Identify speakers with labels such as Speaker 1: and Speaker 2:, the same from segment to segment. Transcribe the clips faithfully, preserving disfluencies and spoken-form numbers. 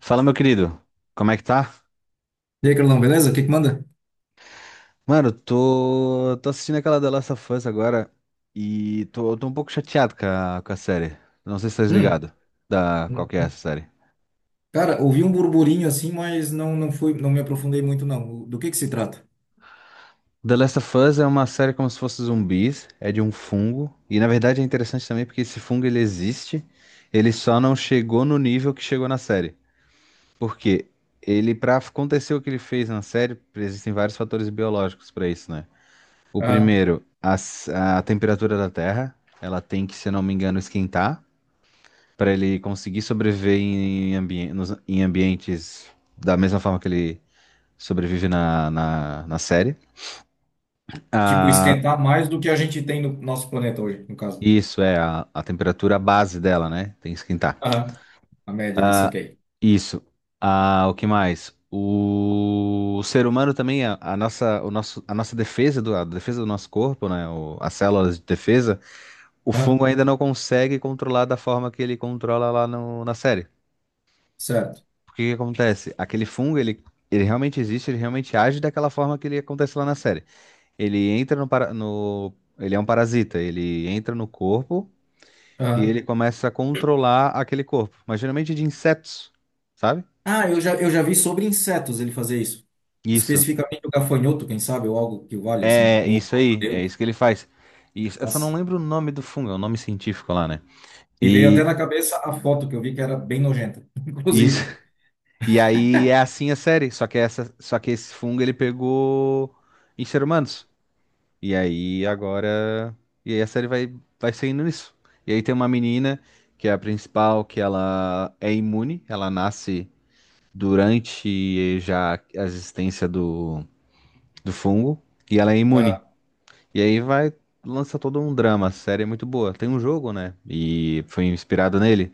Speaker 1: Fala, meu querido. Como é que tá?
Speaker 2: E aí, Carlão, beleza? O que que manda?
Speaker 1: Mano, eu tô, tô assistindo aquela The Last of Us agora e tô, tô um pouco chateado com a, com a série. Não sei se tá
Speaker 2: Hum,
Speaker 1: ligado da qual que é
Speaker 2: hum.
Speaker 1: essa série.
Speaker 2: Cara, ouvi um burburinho assim, mas não não fui, não me aprofundei muito não. Do que que se trata?
Speaker 1: The Last of Us é uma série como se fosse zumbis, é de um fungo e na verdade é interessante também porque esse fungo ele existe, ele só não chegou no nível que chegou na série. Por quê? Ele, pra acontecer o que ele fez na série, existem vários fatores biológicos pra isso, né? O
Speaker 2: Ah,
Speaker 1: primeiro, a, a temperatura da Terra, ela tem que, se eu não me engano, esquentar para ele conseguir sobreviver em, ambien- nos- em ambientes da mesma forma que ele sobrevive na, na, na série.
Speaker 2: tipo,
Speaker 1: Ah,
Speaker 2: esquentar mais do que a gente tem no nosso planeta hoje, no caso.
Speaker 1: isso é a, a temperatura base dela, né? Tem que esquentar.
Speaker 2: Aham, a média ali,
Speaker 1: Ah,
Speaker 2: saquei.
Speaker 1: isso. Ah, o que mais? O, o ser humano também, a, a nossa, o nosso, a nossa defesa do, a defesa do nosso corpo, né? O- as células de defesa. O
Speaker 2: Aham,
Speaker 1: fungo ainda não consegue controlar da forma que ele controla lá no- na série.
Speaker 2: certo.
Speaker 1: Porque o que que acontece? Aquele fungo, ele, ele realmente existe, ele realmente age daquela forma que ele acontece lá na série. Ele entra no, para- no- Ele é um parasita, ele entra no corpo e
Speaker 2: Aham.
Speaker 1: ele começa a controlar aquele corpo. Mas geralmente de insetos, sabe?
Speaker 2: Ah, eu já, eu já vi sobre insetos ele fazer isso.
Speaker 1: Isso.
Speaker 2: Especificamente o gafanhoto, quem sabe, ou algo que valha assim.
Speaker 1: É
Speaker 2: Ou,
Speaker 1: isso
Speaker 2: oh, meu
Speaker 1: aí, é
Speaker 2: Deus,
Speaker 1: isso que ele faz. Isso, eu só não
Speaker 2: nossa.
Speaker 1: lembro o nome do fungo, é o nome científico lá, né?
Speaker 2: Me veio até
Speaker 1: E
Speaker 2: na cabeça a foto que eu vi que era bem nojenta,
Speaker 1: isso,
Speaker 2: inclusive.
Speaker 1: e aí é assim a série, só que essa, só que esse fungo ele pegou em ser humanos. E aí agora, e aí a série vai vai seguindo nisso. E aí tem uma menina que é a principal, que ela é imune, ela nasce durante já a existência do, do fungo e ela é imune. E aí vai lança todo um drama, a série é muito boa. Tem um jogo, né? E foi inspirado nele.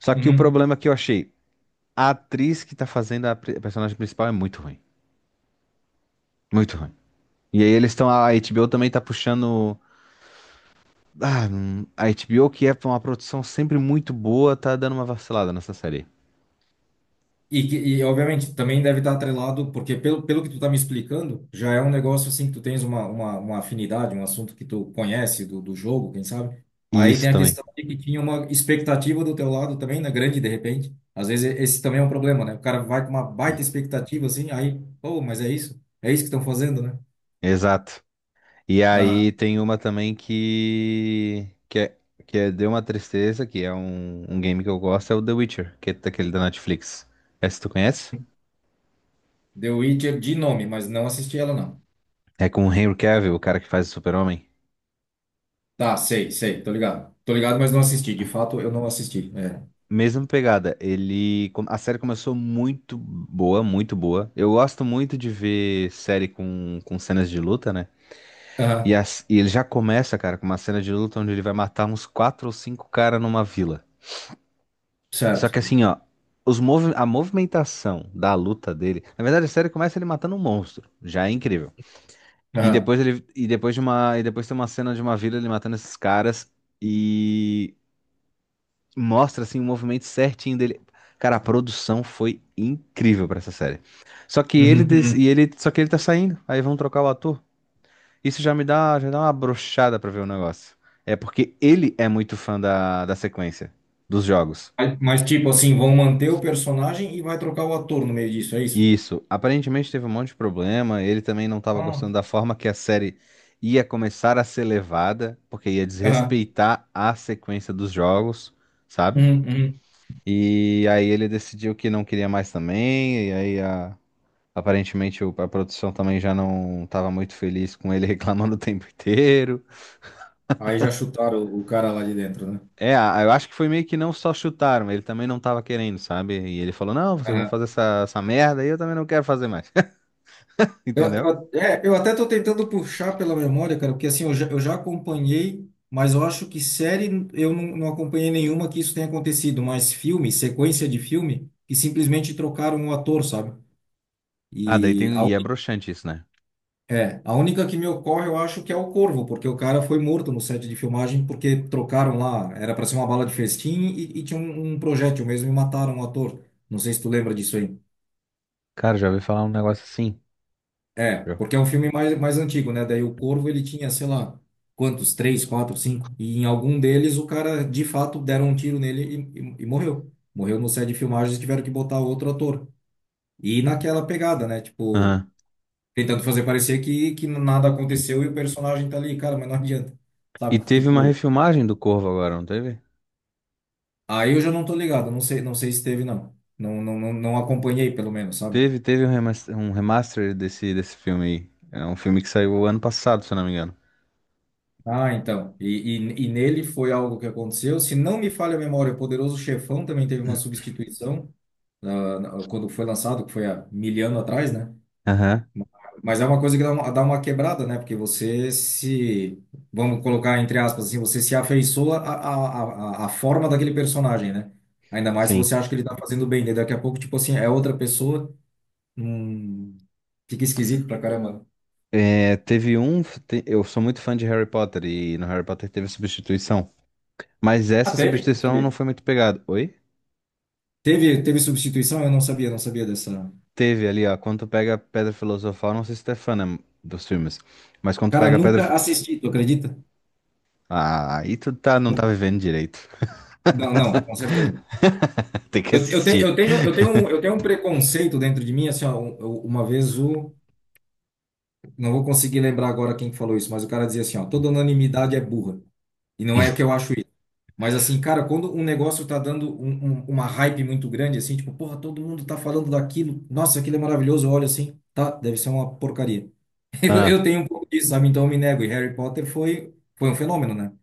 Speaker 1: Só que o
Speaker 2: Ah,
Speaker 1: problema que eu achei, a atriz que tá fazendo a pri- a personagem principal é muito ruim. Muito ruim. E aí eles estão. A H B O também tá puxando. Ah, hum, a H B O, que é uma produção sempre muito boa, tá dando uma vacilada nessa série.
Speaker 2: e, que- e, obviamente, também deve estar atrelado, porque pelo, pelo que tu tá me explicando, já é um negócio assim que tu tens uma, uma, uma afinidade, um assunto que tu conhece do, do jogo, quem sabe?
Speaker 1: E
Speaker 2: Aí
Speaker 1: isso
Speaker 2: tem a
Speaker 1: também.
Speaker 2: questão de que tinha uma expectativa do teu lado também, né? Grande, de repente. Às vezes esse também é um problema, né? O cara vai com uma baita expectativa assim, aí, pô, mas é isso? É isso que estão fazendo, né?
Speaker 1: Exato. E
Speaker 2: Aham.
Speaker 1: aí tem uma também que. Que é, que é- deu uma tristeza, que é um, um game que eu gosto, é o The Witcher, que é daquele da Netflix. Essa tu conhece?
Speaker 2: The Witcher de nome, mas não assisti ela, não.
Speaker 1: É com o Henry Cavill, o cara que faz o Super-Homem.
Speaker 2: Tá, sei, sei, tô ligado. Tô ligado, mas não assisti. De fato, eu não assisti. É.
Speaker 1: Mesma pegada, ele, com- a série começou muito boa, muito boa. Eu gosto muito de ver série com, com cenas de luta, né? E,
Speaker 2: Aham,
Speaker 1: as- e ele já começa, cara, com uma cena de luta onde ele vai matar uns quatro ou cinco caras numa vila. Só que
Speaker 2: certo.
Speaker 1: assim, ó, os movi- a movimentação da luta dele, na verdade a série começa ele matando um monstro, já é incrível. E
Speaker 2: Aham.
Speaker 1: depois ele, e depois de uma, e depois tem uma cena de uma vila ele matando esses caras mostra assim o movimento certinho dele. Cara, a produção foi incrível pra essa série. Só que ele
Speaker 2: Uhum,
Speaker 1: des-
Speaker 2: uhum.
Speaker 1: e ele só que ele tá saindo, aí vão trocar o ator. Isso já me dá, já dá uma brochada pra ver o negócio. É porque ele é muito fã da, da sequência dos jogos.
Speaker 2: Mas, mas, tipo assim, vão manter o personagem e vai trocar o ator no meio disso, é isso?
Speaker 1: Isso, aparentemente teve um monte de problema, ele também não estava
Speaker 2: Ah,
Speaker 1: gostando da forma que a série ia começar a ser levada, porque ia
Speaker 2: aham.
Speaker 1: desrespeitar a sequência dos jogos, sabe?
Speaker 2: Uhum, uhum.
Speaker 1: E aí ele decidiu que não queria mais também, e aí a- aparentemente o- a produção também já não estava muito feliz com ele reclamando o tempo inteiro.
Speaker 2: Aí já chutaram o, o cara lá de dentro, né?
Speaker 1: É, a- eu acho que foi meio que não só chutaram, ele também não estava querendo, sabe? E ele falou, não, vocês vão
Speaker 2: Aham.
Speaker 1: fazer essa, essa merda e eu também não quero fazer mais,
Speaker 2: Eu,
Speaker 1: entendeu?
Speaker 2: eu, é, eu até tô tentando puxar pela memória, cara, porque assim, eu já, eu já acompanhei, mas eu acho que série eu não, não acompanhei nenhuma que isso tenha acontecido, mas filme, sequência de filme, que simplesmente trocaram o ator, sabe?
Speaker 1: Ah, daí
Speaker 2: E
Speaker 1: tem,
Speaker 2: a,
Speaker 1: e é broxante isso, né?
Speaker 2: é, a única que me ocorre, eu acho que é o Corvo, porque o cara foi morto no set de filmagem porque trocaram lá, era para ser uma bala de festim e, e tinha um, um projétil mesmo e mataram o ator. Não sei se tu lembra disso aí.
Speaker 1: Cara, já ouvi falar um negócio assim.
Speaker 2: É,
Speaker 1: Já.
Speaker 2: porque é um filme mais, mais antigo, né? Daí o Corvo ele tinha, sei lá, quantos? Três, quatro, cinco. E em algum deles o cara de fato deram um tiro nele e, e, e morreu. Morreu no set de filmagens e tiveram que botar outro ator. E naquela pegada, né? Tipo,
Speaker 1: Aham.
Speaker 2: tentando fazer parecer que, que nada aconteceu e o personagem tá ali, cara, mas não adianta,
Speaker 1: E
Speaker 2: sabe?
Speaker 1: teve uma
Speaker 2: Tipo,
Speaker 1: refilmagem do Corvo agora, não teve?
Speaker 2: aí eu já não tô ligado, não sei, não sei se teve, não. Não, não, não, não acompanhei, pelo menos, sabe?
Speaker 1: Teve, teve um remaster, um remaster desse, desse filme aí. É um filme que saiu ano passado, se eu não me engano.
Speaker 2: Ah, então. E, e, e nele foi algo que aconteceu. Se não me falha a memória, o Poderoso Chefão também teve uma substituição, ah, na- quando foi lançado, que foi há mil anos atrás, né?
Speaker 1: Aham,
Speaker 2: Mas é uma coisa que dá uma, dá uma quebrada, né? Porque você se, vamos colocar entre aspas assim, você se afeiçoa à, à, à à forma daquele personagem, né? Ainda mais se
Speaker 1: sim.
Speaker 2: você acha que ele tá fazendo bem, daí daqui a pouco, tipo assim, é outra pessoa, hum, fica esquisito pra caramba.
Speaker 1: É, teve um. Te- Eu sou muito fã de Harry Potter e no Harry Potter teve substituição. Mas
Speaker 2: Ah,
Speaker 1: essa
Speaker 2: teve? Não
Speaker 1: substituição não
Speaker 2: sabia.
Speaker 1: foi muito pegada. Oi?
Speaker 2: Teve, teve substituição? Eu não sabia, não sabia dessa.
Speaker 1: Teve ali, ó. Quando tu pega a Pedra Filosofal, não sei se tu é fã, né, dos filmes. Mas quando tu
Speaker 2: Cara,
Speaker 1: pega a Pedra.
Speaker 2: nunca
Speaker 1: Fi-
Speaker 2: assisti, tu acredita?
Speaker 1: Ah, aí tu tá, não tá
Speaker 2: Nunca-
Speaker 1: vivendo direito.
Speaker 2: não, não, com certeza.
Speaker 1: Tem que
Speaker 2: Eu, eu tenho,
Speaker 1: assistir.
Speaker 2: eu tenho, eu tenho um, eu tenho um preconceito dentro de mim, assim, ó, um- eu- uma vez o não vou conseguir lembrar agora quem que falou isso, mas o cara dizia assim, ó, toda unanimidade é burra. E não é que eu acho isso. Mas assim, cara, quando um negócio tá dando um- um- uma hype muito grande, assim, tipo, porra, todo mundo tá falando daquilo, nossa, aquilo é maravilhoso, olha assim, tá, deve ser uma porcaria. Eu, eu
Speaker 1: Ah,
Speaker 2: tenho um pouco disso, sabe? Então eu me nego. E Harry Potter foi, foi um fenômeno, né?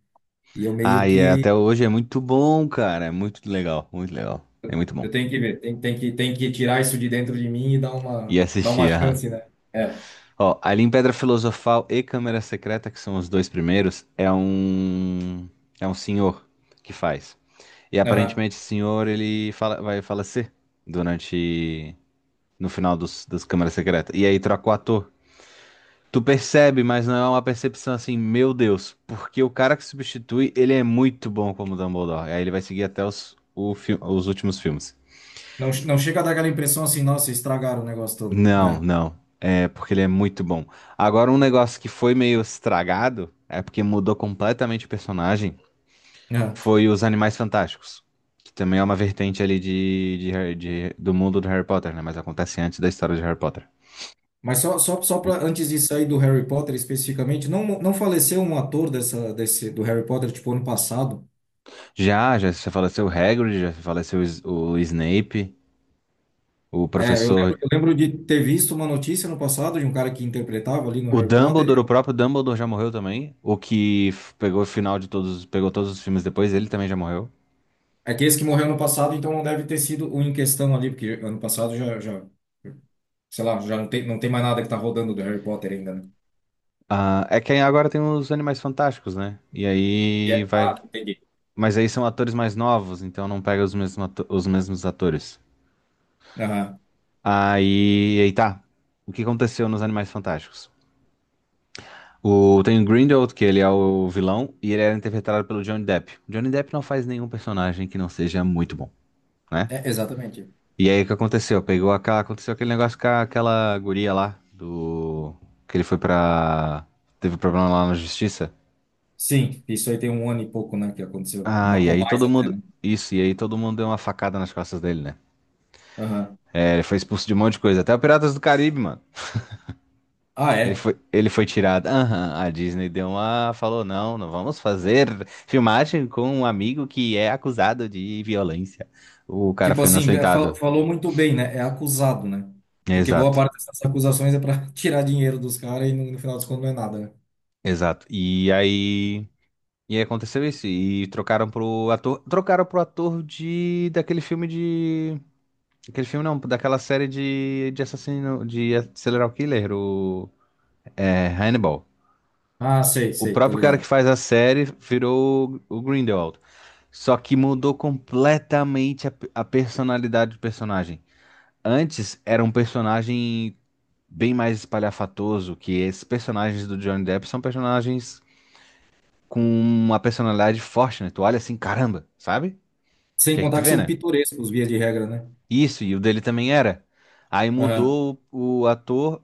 Speaker 2: E eu meio
Speaker 1: ah, e é-
Speaker 2: que,
Speaker 1: até hoje é muito bom, cara. É muito legal, muito legal. É muito bom.
Speaker 2: eu tenho que ver, tem, tem que, tem que tirar isso de dentro de mim e dar
Speaker 1: E
Speaker 2: uma, dar uma
Speaker 1: assistir, aham.
Speaker 2: chance, né? É,
Speaker 1: Ó, ali em Pedra Filosofal e Câmara Secreta, que são os dois primeiros, é um é um senhor que faz. E
Speaker 2: aham.
Speaker 1: aparentemente esse senhor ele fala- vai falecer durante no final dos, das Câmaras Secretas. E aí troca o ator. Tu percebe, mas não é uma percepção assim, meu Deus, porque o cara que substitui, ele é muito bom como Dumbledore. Aí ele vai seguir até os, o fi- os últimos filmes.
Speaker 2: Não, não chega a dar aquela impressão assim, nossa, estragaram o negócio todo,
Speaker 1: Não,
Speaker 2: né?
Speaker 1: não. É porque ele é muito bom. Agora, um negócio que foi meio estragado, é porque mudou completamente o personagem, foi os Animais Fantásticos. Que também é uma vertente ali de, de Harry- de- do mundo do Harry Potter, né? Mas acontece antes da história de Harry Potter.
Speaker 2: Mas só, só, só para antes de sair do Harry Potter especificamente, não, não faleceu um ator dessa, desse, do Harry Potter, tipo, ano passado?
Speaker 1: Já, já se faleceu o Hagrid, já se faleceu o, S- o Snape, o
Speaker 2: É, eu
Speaker 1: professor.
Speaker 2: lembro, eu lembro de ter visto uma notícia no passado de um cara que interpretava ali no
Speaker 1: O
Speaker 2: Harry Potter.
Speaker 1: Dumbledore, o
Speaker 2: Eu-
Speaker 1: próprio Dumbledore já morreu também. O que f- pegou o final de todos, pegou todos os filmes depois, ele também já morreu.
Speaker 2: é que esse que morreu ano passado, então não deve ter sido o em questão ali, porque ano passado já, já, sei lá, já não tem, não tem mais nada que tá rodando do Harry Potter ainda, né?
Speaker 1: Ah, é que aí agora tem os Animais Fantásticos, né? E
Speaker 2: E
Speaker 1: aí
Speaker 2: é-
Speaker 1: vai.
Speaker 2: ah, entendi.
Speaker 1: Mas aí são atores mais novos, então não pega os mesmos, ato- os mesmos atores.
Speaker 2: Aham.
Speaker 1: Aí, aí tá. O que aconteceu nos Animais Fantásticos? O... Tem o Grindelwald, que ele é o vilão, e ele era interpretado pelo Johnny Depp. Johnny Depp não faz nenhum personagem que não seja muito bom, né?
Speaker 2: É, exatamente.
Speaker 1: E aí o que aconteceu? Pegou aquela... Aconteceu aquele negócio com a- aquela guria lá, do... Que ele foi pra... Teve problema lá na justiça.
Speaker 2: Sim, isso aí tem um ano e pouco, né, que aconteceu,
Speaker 1: Ah,
Speaker 2: Ma-
Speaker 1: e
Speaker 2: ou
Speaker 1: aí
Speaker 2: mais
Speaker 1: todo
Speaker 2: até,
Speaker 1: mundo.
Speaker 2: né?
Speaker 1: Isso, e aí todo mundo deu uma facada nas costas dele, né?
Speaker 2: Aham.
Speaker 1: É, ele foi expulso de um monte de coisa, até o Piratas do Caribe, mano.
Speaker 2: Ah,
Speaker 1: Ele
Speaker 2: é?
Speaker 1: foi, ele foi tirado. Aham, a Disney deu uma. Falou: não, não vamos fazer filmagem com um amigo que é acusado de violência. O cara
Speaker 2: Tipo
Speaker 1: foi
Speaker 2: assim, be- fal-
Speaker 1: inocentado.
Speaker 2: falou muito bem, né? É acusado, né? Porque boa
Speaker 1: Exato,
Speaker 2: parte dessas acusações é para tirar dinheiro dos caras e no, no final das contas não é nada, né?
Speaker 1: exato. E aí. E aí aconteceu isso. E trocaram pro ator. Trocaram pro ator de. Daquele filme de. Aquele filme não, daquela série de, de assassino. De Serial Killer, o. É, Hannibal.
Speaker 2: Ah, sei,
Speaker 1: O
Speaker 2: sei, tô
Speaker 1: próprio cara que
Speaker 2: ligado.
Speaker 1: faz a série virou o o Grindelwald. Só que mudou completamente a, a personalidade do personagem. Antes era um personagem bem mais espalhafatoso, que esses personagens do Johnny Depp são personagens com uma personalidade forte, né? Tu olha assim, caramba, sabe? O
Speaker 2: Sem
Speaker 1: que é que tu
Speaker 2: contar que
Speaker 1: vê,
Speaker 2: são
Speaker 1: né?
Speaker 2: pitorescos, via de regra, né?
Speaker 1: Isso, e o dele também era. Aí
Speaker 2: Aham.
Speaker 1: mudou o ator,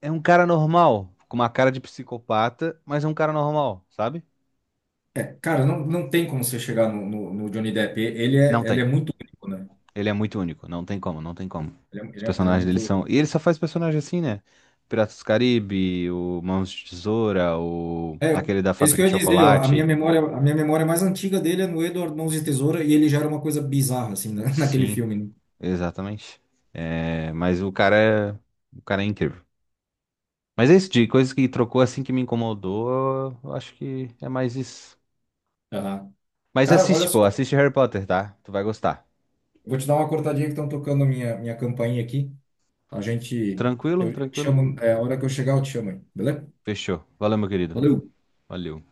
Speaker 1: é um cara normal, com uma cara de psicopata, mas é um cara normal, sabe?
Speaker 2: É, cara, não, não tem como você chegar no, no, no Johnny Depp. E- ele
Speaker 1: Não
Speaker 2: é, ele é
Speaker 1: tem.
Speaker 2: muito único, né?
Speaker 1: Ele é muito único, não tem como, não tem como.
Speaker 2: Ele é,
Speaker 1: Os
Speaker 2: ele é, ele é
Speaker 1: personagens dele
Speaker 2: muito.
Speaker 1: são. E ele só faz personagem assim, né? Piratas do Caribe, o Mãos de Tesoura, o.
Speaker 2: É,
Speaker 1: aquele da
Speaker 2: isso que
Speaker 1: fábrica
Speaker 2: eu
Speaker 1: de
Speaker 2: ia dizer, ó, a minha
Speaker 1: chocolate.
Speaker 2: memória, a minha memória mais antiga dele é no Edward Mãos de Tesoura e ele já era uma coisa bizarra, assim, né? Naquele
Speaker 1: Sim,
Speaker 2: filme, né?
Speaker 1: exatamente. É, mas o cara é. O cara é incrível. Mas é isso, de coisas que trocou assim que me incomodou, eu acho que é mais isso.
Speaker 2: Aham.
Speaker 1: Mas
Speaker 2: Cara, olha
Speaker 1: assiste, pô,
Speaker 2: só.
Speaker 1: assiste Harry Potter, tá? Tu vai gostar.
Speaker 2: Vou te dar uma cortadinha que estão tocando a minha, minha campainha aqui. A gente.
Speaker 1: Tranquilo,
Speaker 2: Eu te
Speaker 1: tranquilo.
Speaker 2: chamo. É, a hora que eu chegar, eu te chamo aí, beleza?
Speaker 1: Fechou. Valeu, meu querido.
Speaker 2: Valeu!
Speaker 1: Valeu.